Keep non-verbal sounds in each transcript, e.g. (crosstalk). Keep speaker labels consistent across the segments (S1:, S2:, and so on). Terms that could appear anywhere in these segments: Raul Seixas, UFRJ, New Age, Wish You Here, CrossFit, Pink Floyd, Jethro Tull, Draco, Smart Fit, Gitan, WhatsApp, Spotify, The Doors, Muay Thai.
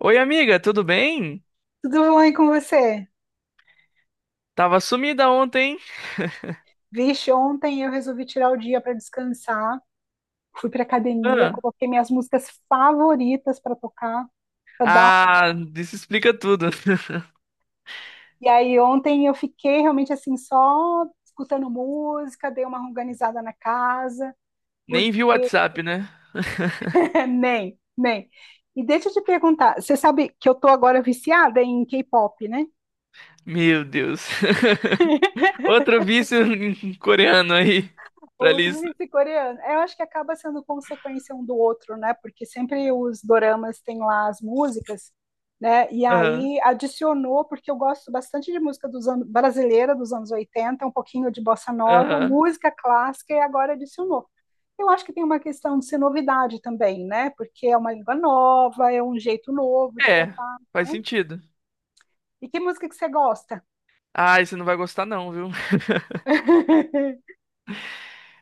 S1: Oi, amiga, tudo bem?
S2: Tudo bem com você?
S1: Tava sumida ontem, hein?
S2: Vixe, ontem eu resolvi tirar o dia para descansar, fui para academia,
S1: Ah,
S2: coloquei minhas músicas favoritas para tocar, para dar. um-
S1: ah, isso explica tudo.
S2: E aí ontem eu fiquei realmente assim só escutando música, dei uma organizada na casa,
S1: (laughs) Nem vi o
S2: porque
S1: WhatsApp, né? (laughs)
S2: (laughs) nem, nem. E deixa eu te perguntar, você sabe que eu tô agora viciada em K-pop, né?
S1: Meu Deus. (laughs) Outro vício (laughs) coreano aí pra
S2: Outro
S1: lista.
S2: sul-coreano. Eu acho que acaba sendo consequência um do outro, né? Porque sempre os doramas têm lá as músicas, né? E
S1: Aham,
S2: aí adicionou, porque eu gosto bastante de música brasileira dos anos 80, um pouquinho de bossa nova,
S1: aham.
S2: música clássica, e agora adicionou. Eu acho que tem uma questão de ser novidade também, né? Porque é uma língua nova, é um jeito novo de
S1: É,
S2: cantar,
S1: faz
S2: né?
S1: sentido.
S2: E que música que você gosta?
S1: Ai, você não vai gostar não, viu? (laughs)
S2: (laughs)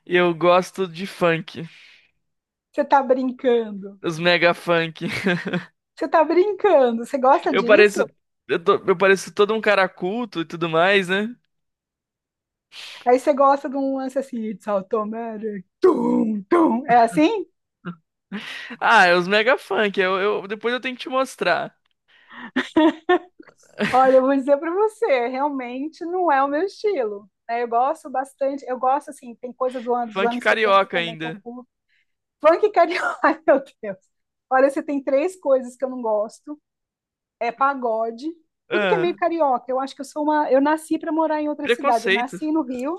S1: Eu gosto de funk,
S2: Você tá brincando?
S1: os mega funk.
S2: Você tá brincando? Você gosta
S1: Eu pareço,
S2: disso?
S1: eu pareço todo um cara culto e tudo mais, né?
S2: Aí você gosta de um lance assim, It's automatic, tum, tum. É assim?
S1: Ah, é os mega funk. Depois eu tenho que te mostrar.
S2: Olha, eu vou dizer pra você, realmente não é o meu estilo, né? Eu gosto bastante, eu gosto assim, tem coisas dos
S1: Funk
S2: anos 70
S1: carioca
S2: também que eu
S1: ainda.
S2: curto. Funk carioca, (laughs) ai meu Deus. Olha, você tem três coisas que eu não gosto. É pagode, tudo que é
S1: Ah,
S2: meio carioca. Eu acho que eu sou uma, eu nasci para morar em outra cidade. Eu
S1: preconceito.
S2: nasci no Rio,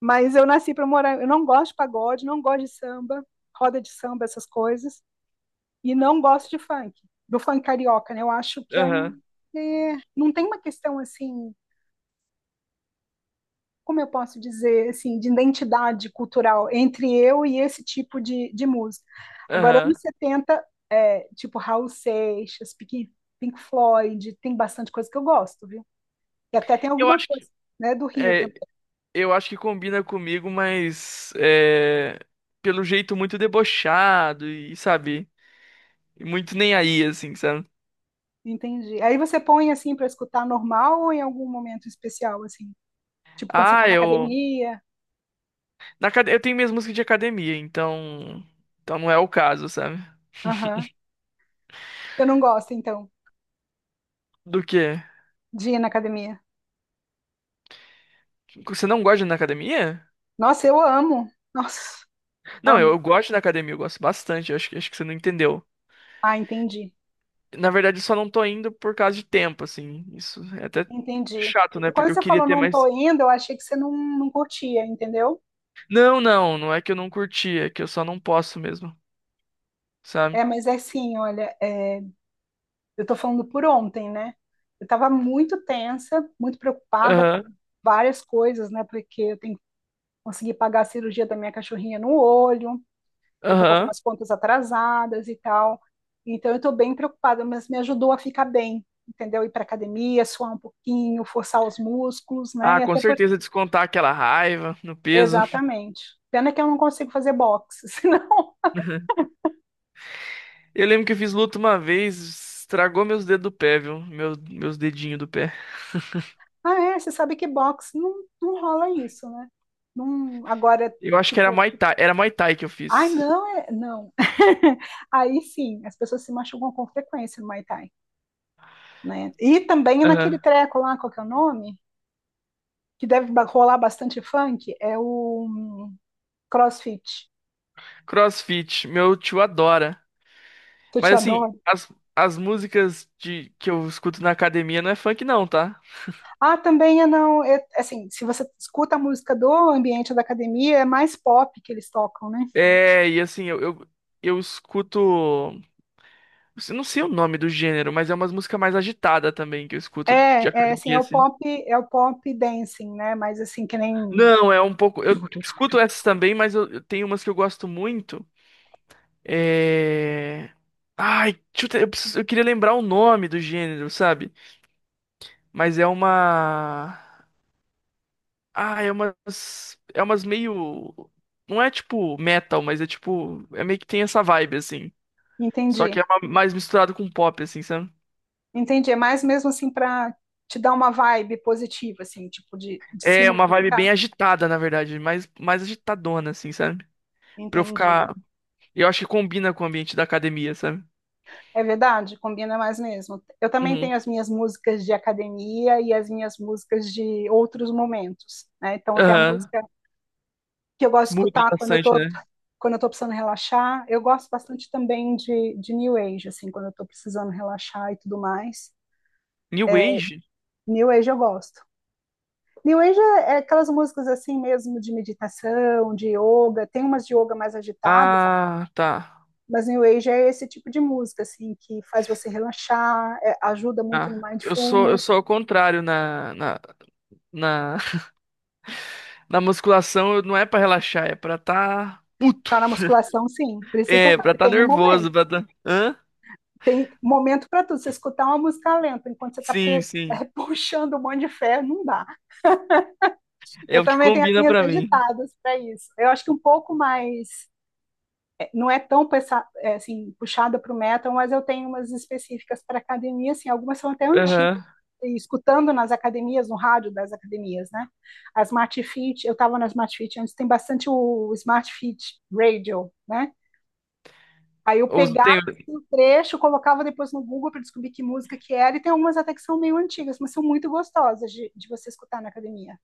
S2: mas eu nasci para morar, eu não gosto de pagode, não gosto de samba, roda de samba, essas coisas. E não gosto de funk, do funk carioca, né? Eu acho que é um.
S1: Aham,
S2: É, não tem uma questão assim, como eu posso dizer, assim, de identidade cultural entre eu e esse tipo de música. Agora,
S1: aham.
S2: anos 70 é, tipo Raul Seixas, Pink Floyd, tem bastante coisa que eu gosto, viu? E até tem
S1: Eu
S2: alguma
S1: acho
S2: coisa,
S1: que
S2: né, do Rio também.
S1: é, eu acho que combina comigo, mas é, pelo jeito muito debochado e sabe, muito nem aí assim, sabe?
S2: Entendi. Aí você põe assim para escutar normal ou em algum momento especial, assim? Tipo quando você
S1: Ah,
S2: tá na
S1: eu
S2: academia?
S1: eu tenho minhas músicas de academia, então então não é o caso, sabe?
S2: Aham. Eu não gosto, então,
S1: Do quê?
S2: de ir na academia.
S1: Você não gosta de ir na academia?
S2: Nossa, eu amo. Nossa,
S1: Não,
S2: amo.
S1: eu gosto da academia, eu gosto bastante. Acho que você não entendeu.
S2: Ah, entendi.
S1: Na verdade, eu só não tô indo por causa de tempo, assim. Isso é até
S2: Entendi.
S1: chato, né?
S2: E quando
S1: Porque eu
S2: você
S1: queria
S2: falou
S1: ter
S2: não tô
S1: mais.
S2: indo, eu achei que você não, não curtia, entendeu?
S1: Não, não é que eu não curti, é que eu só não posso mesmo, sabe?
S2: É, mas é assim, olha, é, eu tô falando por ontem, né? Eu tava muito tensa, muito preocupada
S1: Aham,
S2: com várias coisas, né? Porque eu tenho que conseguir pagar a cirurgia da minha cachorrinha no olho, eu tô com
S1: aham.
S2: algumas contas atrasadas e tal. Então eu tô bem preocupada, mas me ajudou a ficar bem, entendeu? Ir pra academia, suar um pouquinho, forçar os músculos, né?
S1: Ah,
S2: E
S1: com
S2: até por
S1: certeza descontar aquela raiva no peso.
S2: Exatamente. Pena que eu não consigo fazer boxe, (laughs) senão.
S1: (laughs) Eu lembro que eu fiz luta uma vez, estragou meus dedos do pé, viu? Meus dedinhos do pé.
S2: Ah, é, você sabe que boxe não, não rola isso, né? Não, agora,
S1: Eu acho que
S2: tipo,
S1: Era Muay Thai que eu
S2: ai,
S1: fiz.
S2: não, é, não. (laughs) Aí sim, as pessoas se machucam com frequência no Muay Thai, né? E também naquele
S1: Aham.
S2: treco lá, qual que é o nome? Que deve rolar bastante funk, é o CrossFit.
S1: CrossFit, meu tio adora.
S2: Tu
S1: Mas
S2: te
S1: assim,
S2: adora.
S1: as músicas que eu escuto na academia não é funk não, tá?
S2: Ah, também é não. Assim, se você escuta a música do ambiente da academia, é mais pop que eles tocam, né?
S1: É, e assim, eu escuto. Eu Não sei o nome do gênero, mas é umas músicas mais agitada também que eu escuto de
S2: É, é assim,
S1: academia,
S2: é o
S1: assim.
S2: pop, é o pop dancing, né? Mas assim, que nem.
S1: Não, é um pouco. Eu escuto essas também, mas eu tenho umas que eu gosto muito. É. Eu queria lembrar o nome do gênero, sabe? Mas é uma. É umas meio. Não é tipo metal, mas é tipo. É meio que tem essa vibe, assim. Só que
S2: Entendi,
S1: é uma- Mais misturado com pop, assim, sabe?
S2: entendi. É mais mesmo assim para te dar uma vibe positiva, assim, tipo de se
S1: É uma vibe
S2: movimentar.
S1: bem agitada, na verdade, mais agitadona, assim, sabe? Pra eu
S2: Entendi.
S1: ficar. Eu acho que combina com o ambiente da academia, sabe?
S2: É verdade, combina mais mesmo. Eu também
S1: Uhum.
S2: tenho as minhas músicas de academia e as minhas músicas de outros momentos, né? Então tem a
S1: Aham.
S2: música que eu gosto de
S1: Muda
S2: escutar quando eu
S1: bastante,
S2: tô,
S1: né?
S2: quando eu tô precisando relaxar. Eu gosto bastante também de New Age, assim, quando eu tô precisando relaxar e tudo mais.
S1: New Age?
S2: New Age eu gosto. New Age é aquelas músicas assim mesmo de meditação, de yoga, tem umas de yoga mais agitadas,
S1: Ah, tá.
S2: mas New Age é esse tipo de música assim que faz você relaxar, é, ajuda muito no
S1: Ah, eu
S2: mindfulness,
S1: sou ao contrário na, (laughs) na musculação, não é pra relaxar, é pra tá puto.
S2: na musculação sim. Por isso que eu
S1: É,
S2: falo, tem um momento,
S1: pra tá. Hã?
S2: tem momento para tudo. Você escutar uma música lenta enquanto você está
S1: Sim,
S2: (laughs)
S1: sim.
S2: é, puxando um monte de ferro, não dá.
S1: É
S2: Eu
S1: o que
S2: também tenho
S1: combina
S2: assim as
S1: pra mim.
S2: agitadas para isso. Eu acho que um pouco mais não é tão assim, puxada para o metal, mas eu tenho umas específicas para academia, assim, algumas são até antigas,
S1: Aham.
S2: escutando nas academias, no rádio das academias, né? A Smart Fit, eu estava na Smart Fit antes, tem bastante o Smart Fit Radio, né? Aí eu
S1: Ou
S2: pegava
S1: tenho.
S2: assim, um trecho, colocava depois no Google para descobrir que música que era, e tem algumas até que são meio antigas, mas são muito gostosas de você escutar na academia.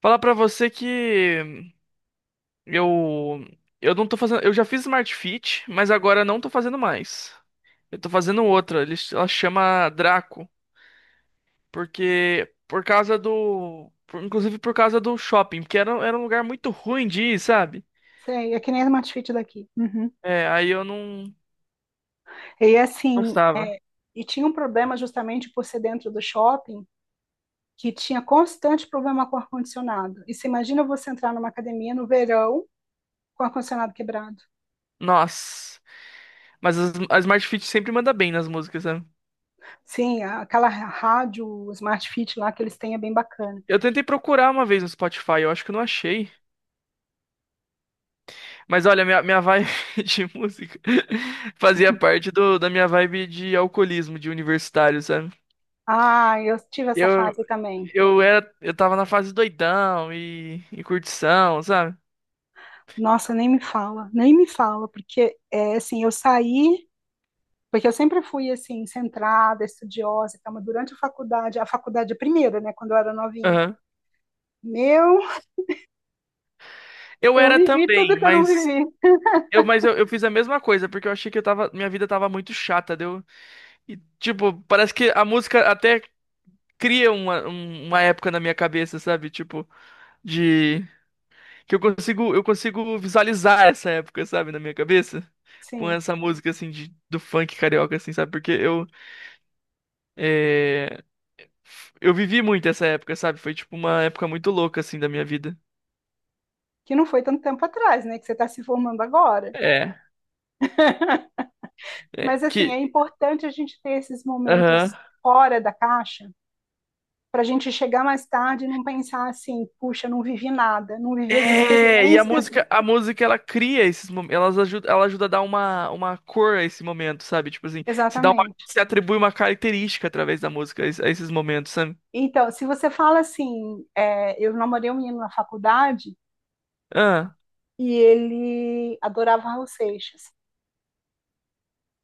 S1: Falar pra você que. Eu eu não tô fazendo, eu já fiz Smart Fit, mas agora não tô fazendo mais. Eu tô fazendo outra, ela chama Draco, porque por causa do, inclusive por causa do shopping, porque era um lugar muito ruim de ir, sabe?
S2: Sei, é que nem a Smart Fit daqui. Uhum.
S1: É, aí eu não
S2: E assim,
S1: gostava.
S2: e tinha um problema justamente por ser dentro do shopping, que tinha constante problema com ar-condicionado. E você imagina você entrar numa academia no verão com ar-condicionado quebrado.
S1: Nossa, mas a Smart Fit sempre manda bem nas músicas, sabe?
S2: Sim, aquela rádio Smart Fit lá que eles têm é bem bacana.
S1: Eu tentei procurar uma vez no Spotify, eu acho que eu não achei. Mas olha, minha vibe (laughs) de música (laughs) fazia parte da minha vibe de alcoolismo, de universitário, sabe?
S2: Ah, eu tive essa
S1: Eu,
S2: fase também.
S1: eu tava na fase doidão e curtição, sabe?
S2: Nossa, nem me fala, nem me fala, porque é assim, eu saí, porque eu sempre fui assim, centrada, estudiosa, e mas durante a faculdade, é a primeira, né, quando eu era novinha.
S1: Aham.
S2: Meu,
S1: Eu
S2: eu
S1: era
S2: vivi
S1: também,
S2: tudo que eu não vivi.
S1: mas eu fiz a mesma coisa, porque eu achei que minha vida tava muito chata, deu? E, tipo, parece que a música até cria uma, uma época na minha cabeça, sabe? Tipo, de que eu consigo visualizar essa época, sabe, na minha cabeça. Com
S2: Sim,
S1: essa música, assim, de, do funk carioca, assim, sabe? Porque eh, eu vivi muito essa época, sabe? Foi tipo uma época muito louca assim da minha vida.
S2: que não foi tanto tempo atrás, né, que você está se formando agora.
S1: É. É,
S2: Mas assim,
S1: que
S2: é importante a gente ter esses
S1: aham.
S2: momentos fora da caixa para a gente chegar mais tarde e não pensar assim, puxa, não vivi nada, não vivi as
S1: É, e
S2: experiências.
S1: a música ela cria esses momentos, ela ajuda a dar uma cor a esse momento, sabe? Tipo assim,
S2: Exatamente.
S1: se atribui uma característica através da música a a esses momentos, sabe?
S2: Então, se você fala assim, é, eu namorei um menino na faculdade
S1: Ah,
S2: e ele adorava Raul Seixas.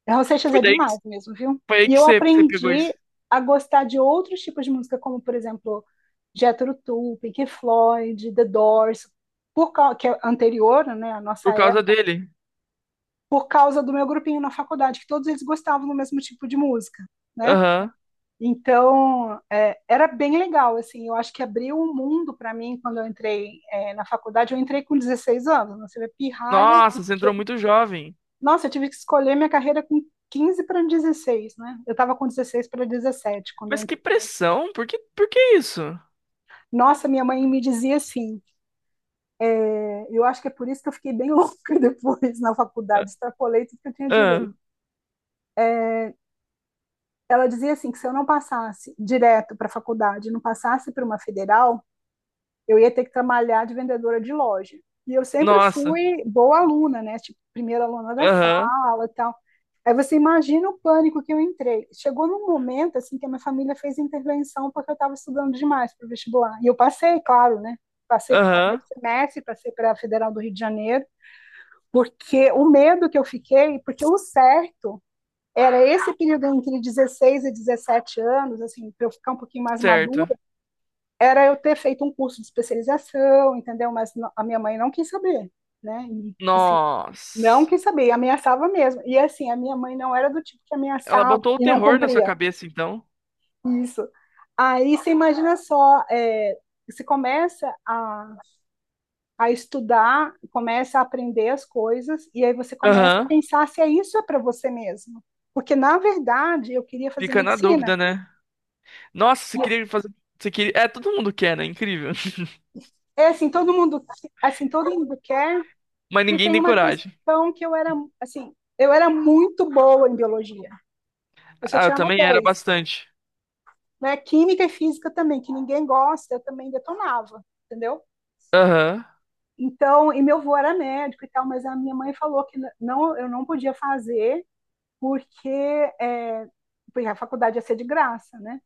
S2: Raul Seixas
S1: foi
S2: é
S1: daí que,
S2: demais mesmo, viu?
S1: foi aí
S2: E
S1: que
S2: eu
S1: você pegou isso,
S2: aprendi a gostar de outros tipos de música, como, por exemplo, Jethro Tull, Pink Floyd, The Doors, que é anterior, né, à nossa
S1: por causa dele.
S2: por causa do meu grupinho na faculdade, que todos eles gostavam do mesmo tipo de música, né?
S1: Aham.
S2: Então, é, era bem legal, assim, eu acho que abriu um mundo para mim quando eu entrei na faculdade, eu entrei com 16 anos, né? Você vê pirralha, e
S1: Nossa, você entrou
S2: que...
S1: muito jovem.
S2: Nossa, eu tive que escolher minha carreira com 15 para 16, né? Eu estava com 16 para 17 quando eu
S1: Mas que
S2: entrei.
S1: pressão, por que isso?
S2: Nossa, minha mãe me dizia assim, eu acho que é por isso que eu fiquei bem (laughs) louca depois na
S1: Ah,
S2: faculdade, extrapolei tudo que eu tinha direito.
S1: ah,
S2: Ela dizia assim que se eu não passasse direto para a faculdade, não passasse para uma federal, eu ia ter que trabalhar de vendedora de loja. E eu sempre
S1: nossa,
S2: fui boa aluna, né? Tipo, primeira aluna da
S1: aham,
S2: sala e tal. Aí você imagina o pânico que eu entrei. Chegou num momento assim que a minha família fez intervenção porque eu estava estudando demais para o vestibular. E eu passei, claro, né? Passei para o primeiro
S1: aham.
S2: semestre, passei para a Federal do Rio de Janeiro, porque o medo que eu fiquei, porque o certo era esse período entre 16 e 17 anos, assim, para eu ficar um pouquinho mais
S1: Certo.
S2: madura, era eu ter feito um curso de especialização, entendeu? Mas a minha mãe não quis saber, né? E, assim, não
S1: Nossa.
S2: quis saber, ameaçava mesmo. E assim, a minha mãe não era do tipo que
S1: Ela
S2: ameaçava
S1: botou o
S2: e não
S1: terror na sua
S2: cumpria
S1: cabeça, então.
S2: isso. Aí você imagina só, você começa a estudar, começa a aprender as coisas, e aí você começa a
S1: Aham.
S2: pensar se é isso é para você mesmo. Porque, na verdade, eu queria fazer
S1: Fica na
S2: medicina.
S1: dúvida, né? Nossa, você queria fazer. Você queria... É, todo mundo quer, né? Incrível. (laughs)
S2: É assim, todo mundo quer.
S1: Mas
S2: E
S1: ninguém
S2: tem
S1: tem
S2: uma
S1: coragem.
S2: questão que eu era, assim, eu era muito boa em biologia. Eu só
S1: Ah, eu
S2: tirava
S1: também era
S2: 10,
S1: bastante.
S2: né? Química e física também, que ninguém gosta, eu também detonava, entendeu?
S1: Aham.
S2: Então, e meu avô era médico e tal, mas a minha mãe falou que não, eu não podia fazer porque, é, porque a faculdade ia ser de graça, né?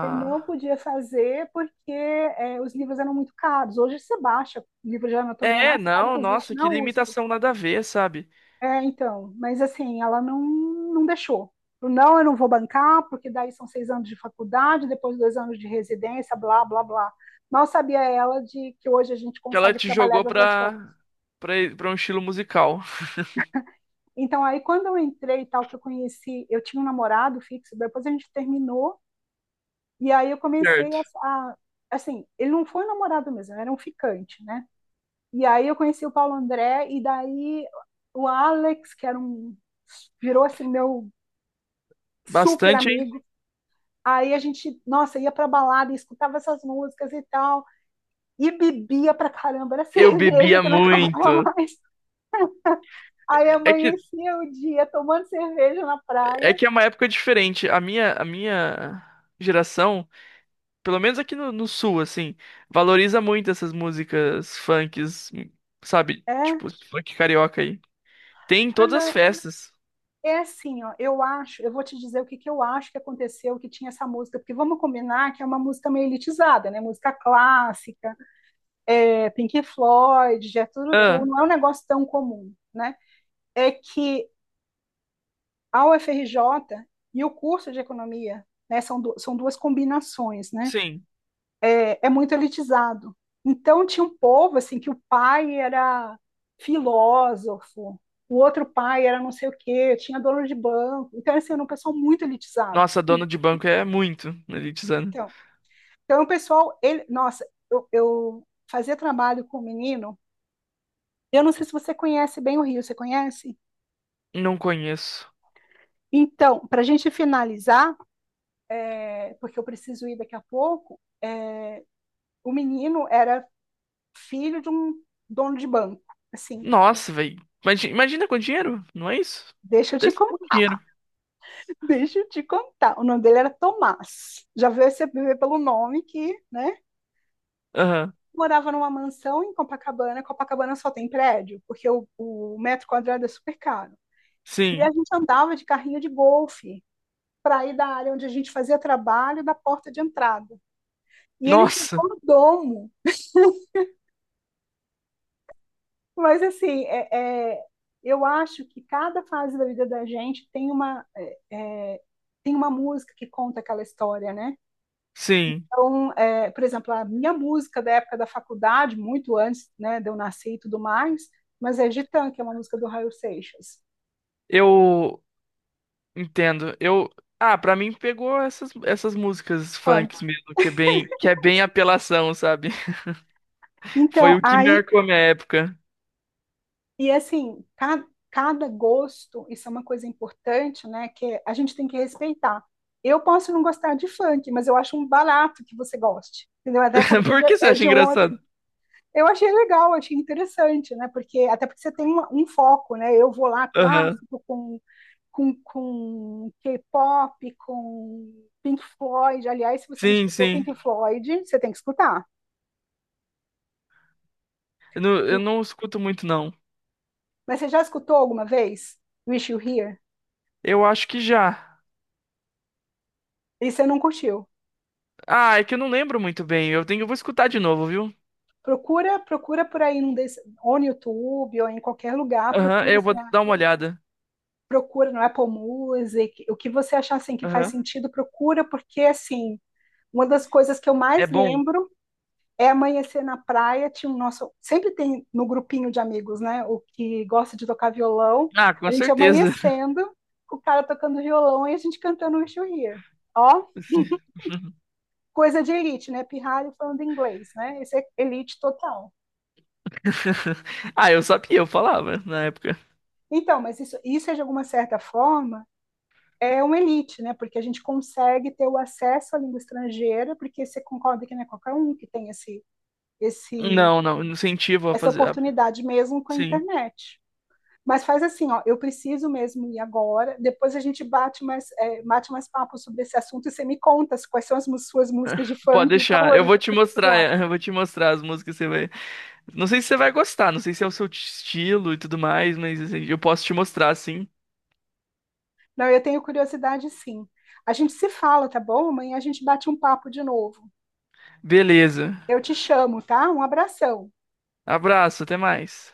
S2: Eu não podia fazer porque os livros eram muito caros. Hoje você baixa livro de anatomia
S1: É,
S2: mais caro
S1: não,
S2: que existe
S1: nossa, que
S2: na USP.
S1: limitação nada a ver, sabe?
S2: É, então, mas assim, ela não, não deixou. Não, eu não vou bancar, porque daí são 6 anos de faculdade, depois 2 anos de residência, blá, blá, blá. Mal sabia ela de que hoje a gente
S1: Que ela
S2: consegue
S1: te
S2: trabalhar
S1: jogou
S2: de outras formas.
S1: pra um estilo musical.
S2: Então, aí, quando eu entrei e tal, que eu conheci, eu tinha um namorado fixo, depois a gente terminou, e aí eu comecei
S1: Certo.
S2: a, a- assim, ele não foi um namorado mesmo, era um ficante, né? E aí eu conheci o Paulo André, e daí o Alex, que era um, virou assim, meu super
S1: Bastante, hein?
S2: amigo. Aí a gente, nossa, ia pra balada e escutava essas músicas e tal, e bebia pra caramba, era (laughs)
S1: Eu
S2: cerveja
S1: bebia
S2: que não acabava
S1: muito.
S2: mais. Aí
S1: É que,
S2: amanhecia o dia tomando cerveja na
S1: é
S2: praia.
S1: que é uma época diferente. A minha geração. Pelo menos aqui no sul, assim, valoriza muito essas músicas funks, sabe?
S2: É?
S1: Tipo, esse funk carioca aí. Tem em
S2: Ah,
S1: todas as
S2: não.
S1: festas.
S2: É assim, ó. Eu acho, eu vou te dizer o que, que eu acho que aconteceu, que tinha essa música, porque vamos combinar que é uma música meio elitizada, né? Música clássica, Pink Floyd, Jethro Tull,
S1: Ah,
S2: não é um negócio tão comum, né? É que a UFRJ e o curso de economia, né, são, du são duas combinações, né,
S1: sim.
S2: muito elitizado. Então tinha um povo assim que o pai era filósofo, o outro pai era não sei o quê, tinha dono de banco. Então assim, era um pessoal muito elitizado.
S1: Nossa, dono de banco é muito elitizando.
S2: Então, então o pessoal, ele, nossa, eu fazia trabalho com o um menino. Eu não sei se você conhece bem o Rio, você conhece?
S1: Não conheço.
S2: Então, para a gente finalizar, porque eu preciso ir daqui a pouco, o menino era filho de um dono de banco, assim.
S1: Nossa, velho. Imagina com dinheiro, não é isso?
S2: Deixa eu te
S1: Desse muito
S2: contar,
S1: dinheiro.
S2: (laughs) deixa eu te contar. O nome dele era Tomás. Já veio você ver pelo nome que, né?
S1: Aham,
S2: Morava numa mansão em Copacabana. Copacabana só tem prédio, porque o metro quadrado é super caro. E a
S1: sim.
S2: gente andava de carrinho de golfe para ir da área onde a gente fazia trabalho da porta de entrada. E ele tinha
S1: Nossa,
S2: mordomo. Mas assim, eu acho que cada fase da vida da gente tem uma, é, tem uma música que conta aquela história, né?
S1: sim.
S2: Então, por exemplo, a minha música da época da faculdade, muito antes, né, de eu nascer e tudo mais, mas é Gitan, que é uma música do Raul Seixas,
S1: Eu entendo. Eu. Ah, pra mim pegou essas, essas músicas
S2: funk.
S1: funks mesmo, que é bem apelação, sabe? Foi
S2: Então,
S1: o que
S2: aí,
S1: marcou a minha época.
S2: e assim, cada gosto, isso é uma coisa importante, né, que a gente tem que respeitar. Eu posso não gostar de funk, mas eu acho um barato que você goste, entendeu? Até
S1: (laughs)
S2: porque
S1: Por que você
S2: é
S1: acha
S2: de um outro.
S1: engraçado?
S2: Eu achei legal, achei interessante, né? Porque até porque você tem um foco, né? Eu vou lá
S1: Aham.
S2: clássico com com K-pop, com Pink Floyd. Aliás, se você não
S1: Sim,
S2: escutou
S1: sim.
S2: Pink Floyd, você tem que escutar.
S1: Eu não escuto muito, não.
S2: Mas você já escutou alguma vez Wish You Here?
S1: Eu acho que já.
S2: E você não curtiu?
S1: Ah, é que eu não lembro muito bem. Eu tenho, eu vou escutar de novo, viu?
S2: Procura, procura por aí num desse, ou no YouTube ou em qualquer lugar,
S1: Aham,
S2: procura,
S1: eu
S2: assim,
S1: vou
S2: ah,
S1: dar uma olhada.
S2: procura no Apple Music, o que você achar assim que faz
S1: Aham.
S2: sentido, procura porque assim, uma das coisas que eu
S1: É
S2: mais
S1: bom?
S2: lembro é amanhecer na praia, tinha um nosso, sempre tem no grupinho de amigos, né, o que gosta de tocar violão,
S1: Ah,
S2: a
S1: com
S2: gente
S1: certeza.
S2: amanhecendo, o cara tocando violão e a gente cantando um Wish You Here. Ó,
S1: (laughs) Sim. (laughs)
S2: coisa de elite, né, pirralho falando inglês, né, esse é elite total.
S1: Ah, eu sabia, eu falava na época.
S2: Então, mas isso é de alguma certa forma é uma elite, né? Porque a gente consegue ter o acesso à língua estrangeira, porque você concorda que não é qualquer um que tem esse, esse,
S1: Não, não, incentivo a
S2: essa
S1: fazer. a-
S2: oportunidade mesmo com a
S1: Sim,
S2: internet. Mas faz assim, ó, eu preciso mesmo ir agora. Depois a gente bate mais, bate mais papo sobre esse assunto e você me conta quais são as suas músicas de
S1: pode
S2: funk
S1: deixar. Eu
S2: favoritas
S1: vou te
S2: e tudo
S1: mostrar, (laughs)
S2: mais.
S1: é, eu vou te mostrar as músicas, você vai. Não sei se você vai gostar, não sei se é o seu estilo e tudo mais, mas assim, eu posso te mostrar sim.
S2: Não, eu tenho curiosidade sim. A gente se fala, tá bom? Amanhã a gente bate um papo de novo.
S1: Beleza.
S2: Eu te chamo, tá? Um abração.
S1: Abraço, até mais.